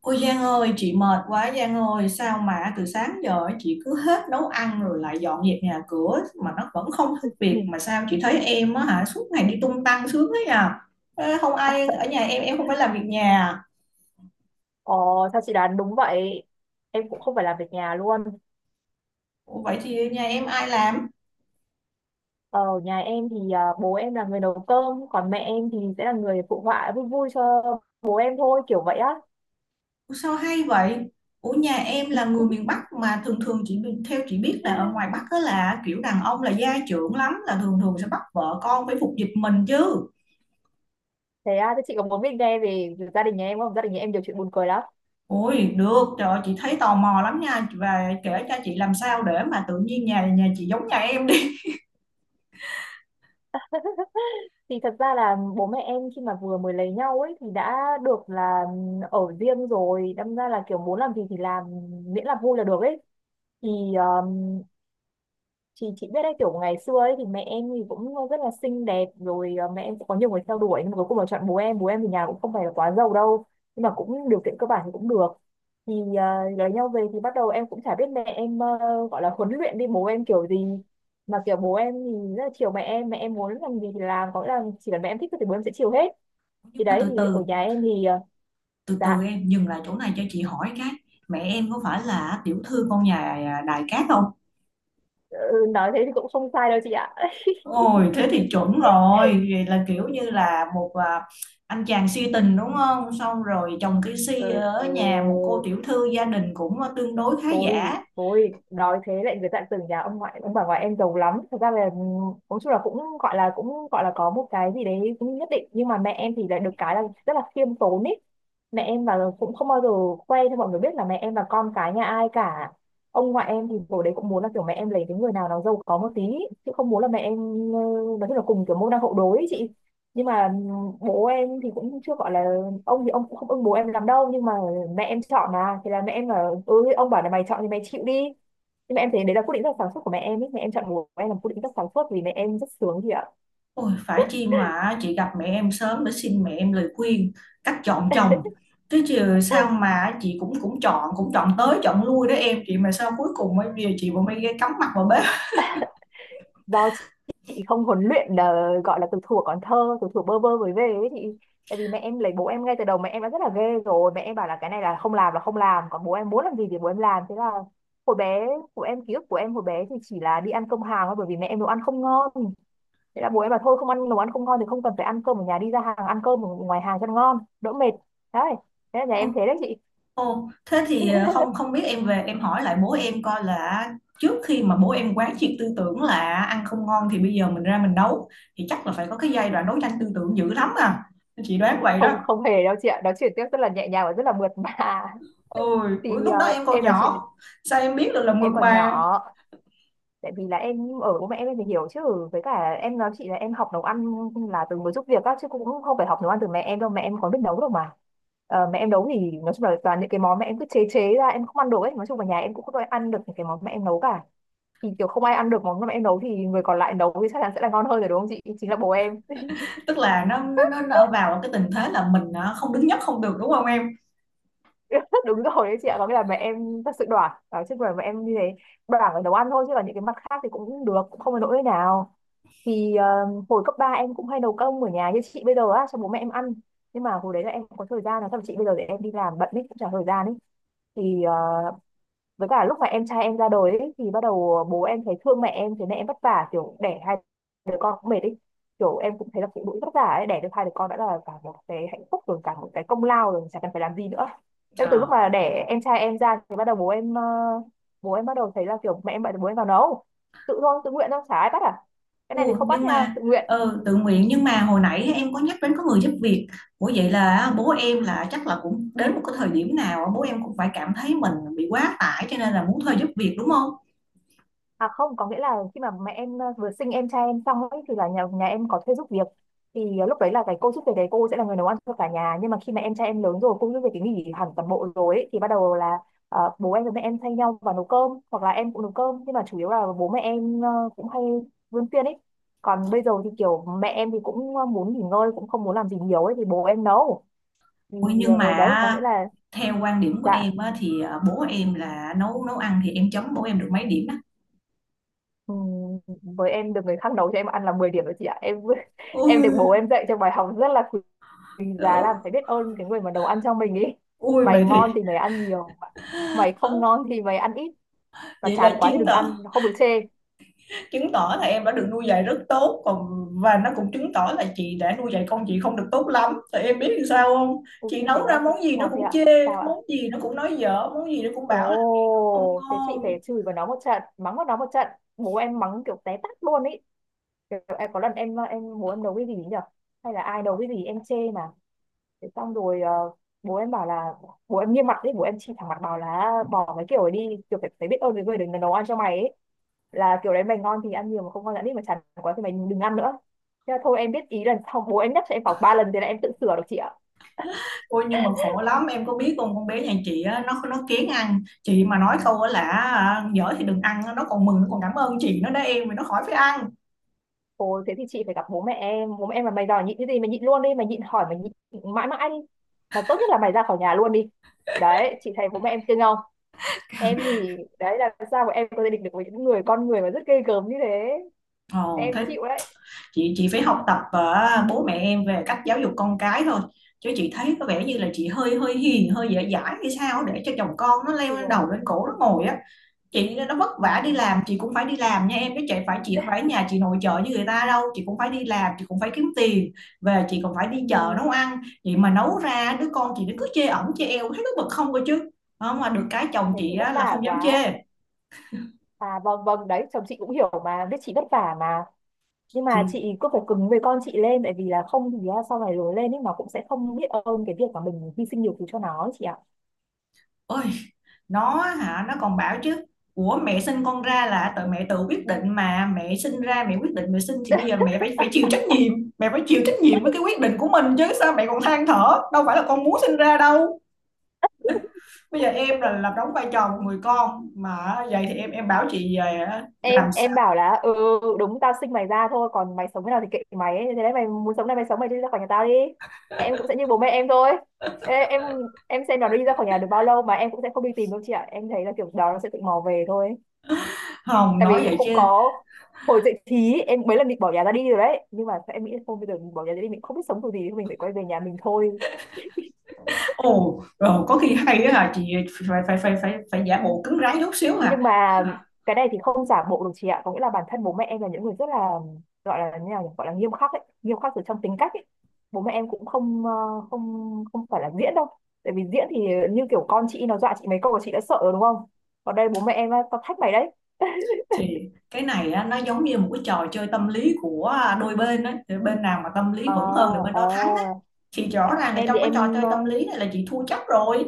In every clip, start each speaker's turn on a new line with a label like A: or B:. A: Ôi Giang ơi, chị mệt quá Giang ơi, sao mà từ sáng giờ ấy chị cứ hết nấu ăn rồi lại dọn dẹp nhà cửa mà nó vẫn không hết
B: Ừ.
A: việc, mà sao chị thấy em á hả, suốt ngày đi tung tăng sướng thế à? Ê, không ai ở nhà em không phải làm việc nhà à?
B: Ờ, sao chị đoán đúng vậy? Em cũng không phải làm việc nhà luôn.
A: Ủa, vậy thì nhà em ai làm?
B: Ờ, ở nhà em thì bố em là người nấu cơm, còn mẹ em thì sẽ là người phụ họa vui vui cho bố em thôi, kiểu vậy á.
A: Ủa, sao hay vậy? Ủa nhà em là người miền Bắc mà thường thường chị theo chị biết là ở ngoài Bắc đó là kiểu đàn ông là gia trưởng lắm, là thường thường sẽ bắt vợ con phải phục dịch mình chứ.
B: Thế à, thế chị có muốn biết nghe về gia đình nhà em không? Gia đình nhà em nhiều chuyện buồn cười lắm.
A: Ôi được, trời ơi, chị thấy tò mò lắm nha, và kể cho chị làm sao để mà tự nhiên nhà nhà chị giống nhà em đi.
B: Thì thật ra là bố mẹ em khi mà vừa mới lấy nhau ấy thì đã được là ở riêng rồi, đâm ra là kiểu muốn làm gì thì làm, miễn là vui là được ấy. Thì Thì chị biết đấy, kiểu ngày xưa ấy thì mẹ em thì cũng rất là xinh đẹp rồi, mẹ em cũng có nhiều người theo đuổi nhưng mà cuối cùng là chọn bố em. Bố em thì nhà cũng không phải là quá giàu đâu nhưng mà cũng điều kiện cơ bản thì cũng được, thì lấy nhau về thì bắt đầu em cũng chả biết mẹ em gọi là huấn luyện đi bố em kiểu gì mà kiểu bố em thì rất là chiều mẹ em, mẹ em muốn làm gì thì làm, có nghĩa là chỉ cần mẹ em thích thôi thì bố em sẽ chiều hết.
A: Nhưng
B: Thì
A: mà
B: đấy,
A: từ
B: thì ở
A: từ,
B: nhà em thì ờ,
A: từ từ
B: dạ.
A: em dừng lại chỗ này cho chị hỏi cái mẹ em có phải là tiểu thư con nhà Đại Cát không?
B: Ừ, nói thế thì cũng không sai đâu chị ạ.
A: Ôi thế thì chuẩn rồi, vậy là kiểu như là một anh chàng si tình đúng không? Xong rồi chồng cái si ở nhà một cô
B: Ừ,
A: tiểu thư gia đình cũng tương đối khá
B: tôi
A: giả.
B: tôi nói thế lại người ta tưởng nhà ông ngoại ông bà ngoại em giàu lắm, thật ra là ừ, nói chung là cũng gọi là có một cái gì đấy cũng nhất định, nhưng mà mẹ em thì lại được cái là rất là khiêm tốn ý. Mẹ em cũng không bao giờ khoe cho mọi người biết là mẹ em là con cái nhà ai cả. Ông ngoại em thì hồi đấy cũng muốn là kiểu mẹ em lấy cái người nào nó giàu có một tí ý, chứ không muốn là mẹ em ờ, nói chung là cùng kiểu môn đăng hộ đối ý chị. Nhưng mà bố em thì cũng chưa gọi là, ông thì ông cũng không ưng bố em lắm đâu, nhưng mà mẹ em chọn mà, thì là mẹ em là ừ, ông bảo là mày chọn thì mày chịu đi. Nhưng mà em thấy đấy là quyết định rất là sáng suốt của mẹ em ấy, mẹ em chọn bố em là một quyết định rất sáng suốt vì mẹ em rất sướng chị ạ.
A: Ôi, phải chi mà chị gặp mẹ em sớm để xin mẹ em lời khuyên cách chọn chồng, chứ chứ sao mà chị cũng cũng chọn, chọn tới chọn lui đó em chị, mà sao cuối cùng bây giờ chị vẫn phải ghé cắm mặt vào bếp.
B: Do chị không huấn luyện, gọi là từ thuở còn thơ, từ thuở bơ vơ mới về ấy. Thì tại vì mẹ em lấy bố em ngay từ đầu mẹ em đã rất là ghê rồi, mẹ em bảo là cái này là không làm là không làm, còn bố em muốn làm gì thì bố em làm. Thế là hồi bé của em, ký ức của em hồi bé thì chỉ là đi ăn cơm hàng thôi, bởi vì mẹ em nấu ăn không ngon. Thế là bố em bảo thôi không ăn, nấu ăn không ngon thì không cần phải ăn cơm ở nhà, đi ra hàng ăn cơm ở ngoài hàng cho nó ngon đỡ mệt. Đấy, thế là nhà em
A: Ô,
B: thế đấy chị.
A: ô, Thế thì không, không biết em về em hỏi lại bố em coi là trước khi mà bố em quán triệt tư tưởng là ăn không ngon thì bây giờ mình ra mình nấu, thì chắc là phải có cái giai đoạn đấu tranh tư tưởng dữ lắm à, chị đoán vậy
B: Không
A: đó.
B: không hề đâu chị ạ, nói chuyện tiếp rất là nhẹ nhàng và rất là mượt mà.
A: Ôi ủa,
B: Thì
A: lúc đó em còn
B: em nói chuyện
A: nhỏ sao em biết được là
B: em
A: mượt
B: còn
A: mà.
B: nhỏ, tại vì là em ở bố mẹ em thì hiểu chứ. Với cả em nói chị là em học nấu ăn là từ mới giúp việc á, chứ cũng không phải học nấu ăn từ mẹ em đâu, mẹ em còn biết nấu đâu mà. Ờ, mẹ em nấu thì nói chung là toàn những cái món mẹ em cứ chế chế ra em không ăn được ấy, nói chung là nhà em cũng không có ai ăn được những cái món mẹ em nấu cả. Thì kiểu không ai ăn được món mà em nấu thì người còn lại nấu thì chắc chắn sẽ là ngon hơn rồi đúng không chị, chính là bố em.
A: Tức là nó vào cái tình thế là mình không đứng nhất không được đúng không em?
B: Đúng rồi đấy chị ạ, có nghĩa là mẹ em thật sự đoản đó, chứ mà mẹ em như thế, đoản ở nấu ăn thôi chứ còn những cái mặt khác thì cũng được, cũng không có nỗi nào. Thì hồi cấp 3 em cũng hay nấu cơm ở nhà như chị bây giờ á cho bố mẹ em ăn, nhưng mà hồi đấy là em không có thời gian, là thậm chí bây giờ để em đi làm bận ấy cũng chả thời gian ấy. Thì với cả lúc mà em trai em ra đời ấy, thì bắt đầu bố em thấy thương mẹ em, thế mẹ em vất vả kiểu đẻ hai đứa con cũng mệt ấy, kiểu em cũng thấy là phụ nữ vất vả ấy, đẻ được hai đứa con đã là cả một cái hạnh phúc rồi, cả một cái công lao rồi, chả cần phải làm gì nữa. Em từ lúc
A: Ờ.
B: mà đẻ em trai em ra thì bắt đầu bố em bắt đầu thấy là kiểu mẹ em bận, bố em vào nấu, tự thôi, tự nguyện thôi, chả ai bắt à, cái này thì
A: Ủa,
B: không bắt
A: nhưng
B: nha,
A: mà
B: tự nguyện.
A: ừ, tự nguyện, nhưng mà hồi nãy em có nhắc đến có người giúp việc. Ủa vậy là bố em là chắc là cũng đến một cái thời điểm nào bố em cũng phải cảm thấy mình bị quá tải cho nên là muốn thuê giúp việc đúng không?
B: À không, có nghĩa là khi mà mẹ em vừa sinh em trai em xong ấy thì là nhà nhà em có thuê giúp việc. Thì ờ, lúc đấy là cái cô giúp việc đấy cô sẽ là người nấu ăn cho cả nhà. Nhưng mà khi mà em trai em lớn rồi, cô giúp việc thì nghỉ hẳn toàn bộ rồi ấy, thì bắt đầu là bố em với mẹ em thay nhau vào nấu cơm, hoặc là em cũng nấu cơm. Nhưng mà chủ yếu là bố mẹ em cũng hay vươn phiên ấy. Còn bây giờ thì kiểu mẹ em thì cũng muốn nghỉ ngơi, cũng không muốn làm gì nhiều ấy thì bố em nấu. Thì
A: Ủa, nhưng mà
B: đấy có nghĩa là,
A: theo quan điểm của
B: dạ.
A: em á, thì bố em là nấu nấu ăn thì em chấm bố em được mấy điểm á?
B: Ừ, với em được người khác nấu cho em ăn là 10 điểm rồi chị ạ. Em em được bố
A: Ui,
B: em dạy cho bài học rất là quý giá, làm
A: đó.
B: phải biết ơn cái người mà nấu ăn cho mình ý.
A: Ui
B: Mày
A: vậy
B: ngon
A: thì
B: thì mày ăn nhiều, mày không
A: ờ,
B: ngon thì mày ăn ít, mà
A: vậy là
B: chán quá thì
A: chiến
B: đừng
A: thắng,
B: ăn, không được chê.
A: chứng tỏ là em đã được nuôi dạy rất tốt. Còn và nó cũng chứng tỏ là chị đã nuôi dạy con chị không được tốt lắm, thì em biết làm sao không,
B: Ôi,
A: chị
B: thế
A: nấu
B: á
A: ra
B: chị,
A: món gì nó
B: sao thế
A: cũng
B: ạ,
A: chê,
B: sao ạ?
A: món gì nó cũng nói dở, món gì nó cũng bảo là không
B: Ồ thế chị
A: ngon.
B: phải chửi vào nó một trận, mắng vào nó một trận. Bố em mắng kiểu té tát luôn ý, kiểu em có lần em bố em nấu cái gì nhỉ, hay là ai nấu cái gì em chê mà. Thế xong rồi bố em bảo là, bố em nghiêm mặt đấy, bố em chỉ thẳng mặt bảo là bỏ cái kiểu ấy đi, kiểu phải biết ơn cái người đừng nấu ăn cho mày ấy, là kiểu đấy mày ngon thì ăn nhiều, mà không ngon thì ăn ít, mà chán quá thì mày đừng ăn nữa. Thế là thôi em biết ý, lần sau bố em nhắc cho em khoảng ba lần thế là em tự sửa được chị ạ.
A: Ôi nhưng mà khổ lắm em có biết không, con bé nhà chị á, nó kén ăn, chị mà nói câu á là dở thì đừng ăn á, nó còn mừng, nó còn cảm ơn chị nó đó em, mà nó khỏi phải ăn.
B: Ồ thế thì chị phải gặp bố mẹ em, bố mẹ em là mày đòi nhịn cái gì mày nhịn luôn đi, mày nhịn hỏi mày nhịn mãi mãi đi, mà tốt nhất là mày ra khỏi nhà luôn đi. Đấy chị thấy bố mẹ em cưng không, em thì đấy là sao mà em có thể địch được với những người con người mà rất ghê gớm như thế,
A: Ồ
B: em
A: thế
B: chịu đấy.
A: chị phải học tập bố mẹ em về cách giáo dục con cái thôi, chứ chị thấy có vẻ như là chị hơi hơi hiền, hơi dễ dãi hay sao để cho chồng con nó leo lên đầu lên
B: Tuồng.
A: cổ nó ngồi á. Chị nó vất
B: Ừ.
A: vả đi làm, chị cũng phải đi làm nha em, chứ chị phải, chị phải nhà chị nội trợ như người ta đâu, chị cũng phải đi làm, chị cũng phải kiếm tiền, về chị còn phải đi
B: Ừ.
A: chợ nấu ăn. Chị mà nấu ra đứa con chị nó cứ chê ẩm chê eo, thấy nó bực không cơ chứ. Không, mà được cái chồng
B: Thế thì
A: chị
B: vất
A: á, là
B: vả
A: không dám
B: quá.
A: chê.
B: À vâng vâng, đấy chồng chị cũng hiểu mà, biết chị vất vả mà. Nhưng mà
A: Thì
B: chị cứ phải cứng với con chị lên, tại vì là không thì á, sau này lớn lên ấy nó cũng sẽ không biết ơn cái việc mà mình hy sinh nhiều thứ cho nó ấy chị ạ.
A: ôi, nó hả, nó còn bảo chứ của mẹ sinh con ra là tự mẹ tự quyết định, mà mẹ sinh ra mẹ quyết định mẹ sinh thì bây giờ mẹ phải, phải chịu trách nhiệm, mẹ phải chịu trách nhiệm với cái quyết định của mình chứ sao mẹ còn than thở, đâu phải là con muốn sinh ra đâu. Bây giờ em là làm đóng vai trò một người con mà vậy thì em bảo chị về
B: em
A: làm sao?
B: em bảo là ừ, đúng tao sinh mày ra thôi, còn mày sống thế nào thì kệ mày ấy. Thế đấy, mày muốn sống này mày sống, mày đi ra khỏi nhà tao đi. Em cũng sẽ như bố mẹ em thôi. Ê, em xem nó đi ra khỏi nhà được bao lâu, mà em cũng sẽ không đi tìm đâu chị ạ. Em thấy là kiểu đó nó sẽ tự mò về thôi.
A: Không
B: Tại
A: nói
B: vì
A: vậy
B: không
A: chứ.
B: có, hồi dậy thì em mấy lần định bỏ nhà ra đi rồi đấy, nhưng mà em nghĩ là không, bây giờ mình bỏ nhà ra đi mình không biết sống kiểu gì, thôi mình phải quay về nhà mình thôi.
A: Ồ rồi có khi hay á hả chị, phải phải phải, phải phải giả bộ cứng rắn chút xíu hả?
B: Nhưng mà cái này thì không giả bộ được chị ạ, có nghĩa là bản thân bố mẹ em là những người rất là, gọi là như nào nhỉ? Gọi là nghiêm khắc ấy, nghiêm khắc từ trong tính cách ấy. Bố mẹ em cũng không không không phải là diễn đâu. Tại vì diễn thì như kiểu con chị nó dọa chị mấy câu là chị đã sợ rồi đúng không, còn đây bố mẹ em á, tao thách mày đấy.
A: Thì cái này á, nó giống như một cái trò chơi tâm lý của đôi bên ấy. Thì bên nào mà tâm lý vững hơn thì
B: À,
A: bên đó thắng ấy.
B: à.
A: Thì rõ ràng là
B: em
A: trong
B: thì
A: cái trò
B: em
A: chơi
B: ờ,
A: tâm lý này là chị thua chắc rồi.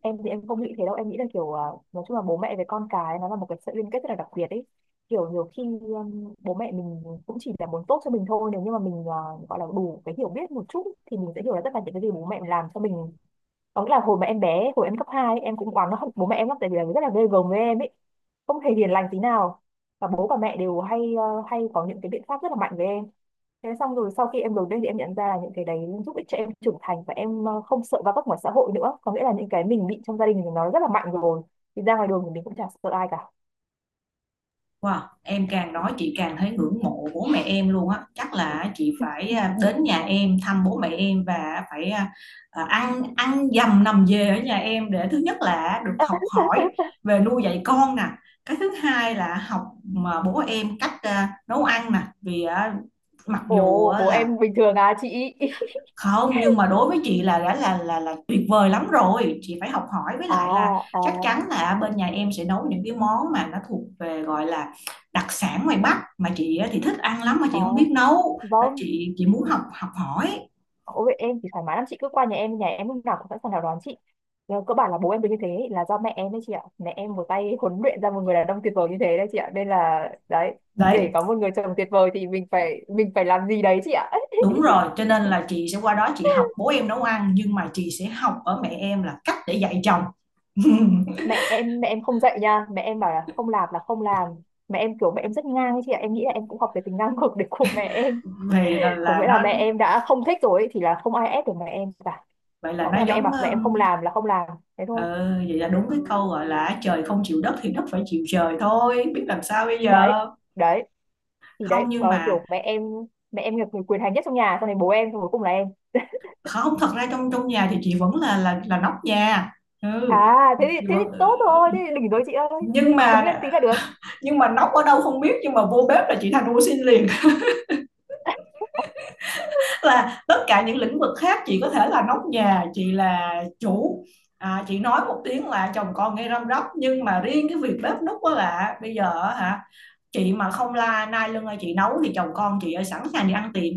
B: em thì em không nghĩ thế đâu, em nghĩ là kiểu à, nói chung là bố mẹ với con cái nó là một cái sợi liên kết rất là đặc biệt ấy. Kiểu nhiều khi bố mẹ mình cũng chỉ là muốn tốt cho mình thôi, nếu như mà mình à, gọi là đủ cái hiểu biết một chút thì mình sẽ hiểu là tất cả những cái gì bố mẹ làm cho mình. Có nghĩa là hồi mà em bé, hồi em cấp 2 ấy, em cũng oán nó bố mẹ em lắm, tại vì là rất là ghê gớm với em ấy, không hề hiền lành tí nào. Và bố và mẹ đều hay hay có những cái biện pháp rất là mạnh với em. Thế xong rồi sau khi em đổi đây thì em nhận ra là những cái đấy giúp ích cho em trưởng thành, và em không sợ va vấp ngoài xã hội nữa. Có nghĩa là những cái mình bị trong gia đình thì nó rất là mạnh rồi. Thì ra ngoài đường thì mình cũng chả sợ ai cả.
A: Wow em càng nói chị càng thấy ngưỡng mộ bố mẹ em luôn á, chắc là chị phải đến nhà em thăm bố mẹ em và phải ăn ăn dầm nằm về ở nhà em để thứ nhất là được học hỏi về nuôi dạy con nè, cái thứ hai là học mà bố em cách nấu ăn nè, vì mặc dù
B: Ồ, bố
A: là
B: em bình thường à chị?
A: không, nhưng mà đối với chị là đã là là tuyệt vời lắm rồi, chị phải học hỏi. Với
B: À,
A: lại là
B: à,
A: chắc chắn là bên nhà em sẽ nấu những cái món mà nó thuộc về gọi là đặc sản ngoài Bắc mà chị á thì thích ăn lắm mà
B: à,
A: chị không biết nấu. Nên
B: vâng.
A: chị muốn học, học hỏi.
B: Ôi, em thì thoải mái lắm, chị cứ qua nhà em lúc nào cũng sẵn sàng chào đón chị. Nhưng cơ bản là bố em được như thế là do mẹ em đấy chị ạ. Mẹ em một tay huấn luyện ra một người đàn ông tuyệt vời như thế đấy chị ạ. Nên là đấy, để
A: Đấy
B: có một người chồng tuyệt vời thì mình phải làm gì đấy chị ạ.
A: đúng rồi, cho nên là chị sẽ qua đó chị học bố em nấu ăn, nhưng mà chị sẽ học ở mẹ em là cách để dạy chồng.
B: Mẹ em không dạy nha, mẹ em bảo là không làm là không làm. Mẹ em kiểu mẹ em rất ngang ấy chị ạ, em nghĩ là em cũng học cái tính ngang ngược đấy của mẹ em.
A: Thì
B: Có
A: là
B: nghĩa là
A: nó,
B: mẹ em đã không thích rồi ấy, thì là không ai ép được mẹ em cả.
A: vậy là
B: Có nghĩa
A: nó
B: là mẹ em
A: giống,
B: bảo mẹ em không làm là không làm, thế
A: ừ
B: thôi.
A: vậy là đúng cái câu gọi là trời không chịu đất thì đất phải chịu trời thôi, biết làm sao bây giờ.
B: Đấy, đấy, thì
A: Không
B: đấy
A: nhưng mà
B: kiểu mẹ em, mẹ em là người quyền hành nhất trong nhà, xong này bố em, xong cuối cùng là em.
A: không, thật ra trong trong nhà thì chị vẫn là là nóc nhà. Ừ
B: À
A: chị
B: thế thì
A: vẫn ừ,
B: tốt thôi, thế thì đỉnh rồi chị ơi.
A: nhưng
B: Chị cứng lên
A: mà,
B: tí là được.
A: nhưng mà nóc ở đâu không biết nhưng mà vô bếp là chị thành ô xin liền. Là tất cả những lĩnh vực khác chị có thể là nóc nhà, chị là chủ, chị nói một tiếng là chồng con nghe răm rắp, nhưng mà riêng cái việc bếp núc đó là bây giờ á hả, chị mà không la nai lưng ơi chị nấu thì chồng con chị ơi sẵn sàng đi ăn tiệm.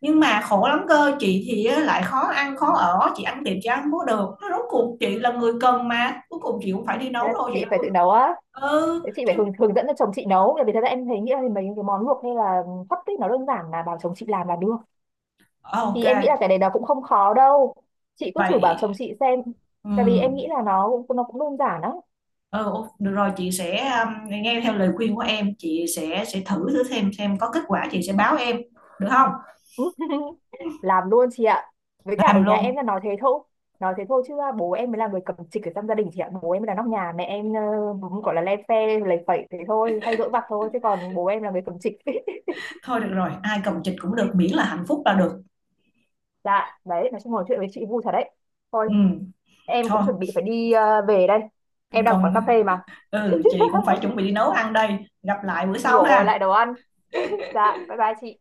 A: Nhưng mà khổ lắm cơ, chị thì á, lại khó ăn khó ở, chị ăn tiệm chị ăn không có được, nó rốt cuộc chị là người cần mà cuối cùng chị cũng phải đi
B: Thế là
A: nấu thôi, chị
B: chị
A: đâu
B: phải
A: có-
B: tự nấu á.
A: Ừ
B: Thế chị
A: chứ.
B: phải hướng dẫn cho chồng chị nấu, bởi vì thật ra em thấy nghĩ là mấy cái món luộc hay là hấp ấy, nó đơn giản là bảo chồng chị làm là được.
A: Ờ, ok.
B: Thì em nghĩ là cái đấy nó cũng không khó đâu, chị cứ thử bảo
A: Vậy
B: chồng chị xem.
A: ừ,
B: Tại vì em nghĩ là nó cũng đơn giản lắm.
A: ừ ô- được rồi chị sẽ nghe theo lời khuyên của em, chị sẽ thử, thử xem có kết quả chị sẽ báo em được không.
B: Làm luôn chị ạ, với cả ở
A: Làm
B: nhà
A: luôn.
B: em là nói thế thôi. Nói thế thôi chứ à, bố em mới là người cầm trịch ở trong gia đình chị ạ, bố em mới là nóc nhà. Mẹ em cũng gọi là le phe lầy phẩy thế thôi, hay dỗi vặt thôi, chứ còn bố em là người cầm trịch.
A: Thôi được rồi ai cầm chịch cũng được miễn là hạnh phúc là được.
B: Dạ đấy, nói chung ngồi chuyện với chị vui thật đấy. Thôi
A: Ừ
B: em cũng
A: thôi
B: chuẩn bị phải đi về đây, em đang ở quán cà
A: còn,
B: phê mà.
A: ừ chị cũng phải chuẩn bị đi nấu ăn đây, gặp lại bữa sau
B: Rồi lại
A: ha.
B: đồ ăn. Dạ bye bye chị.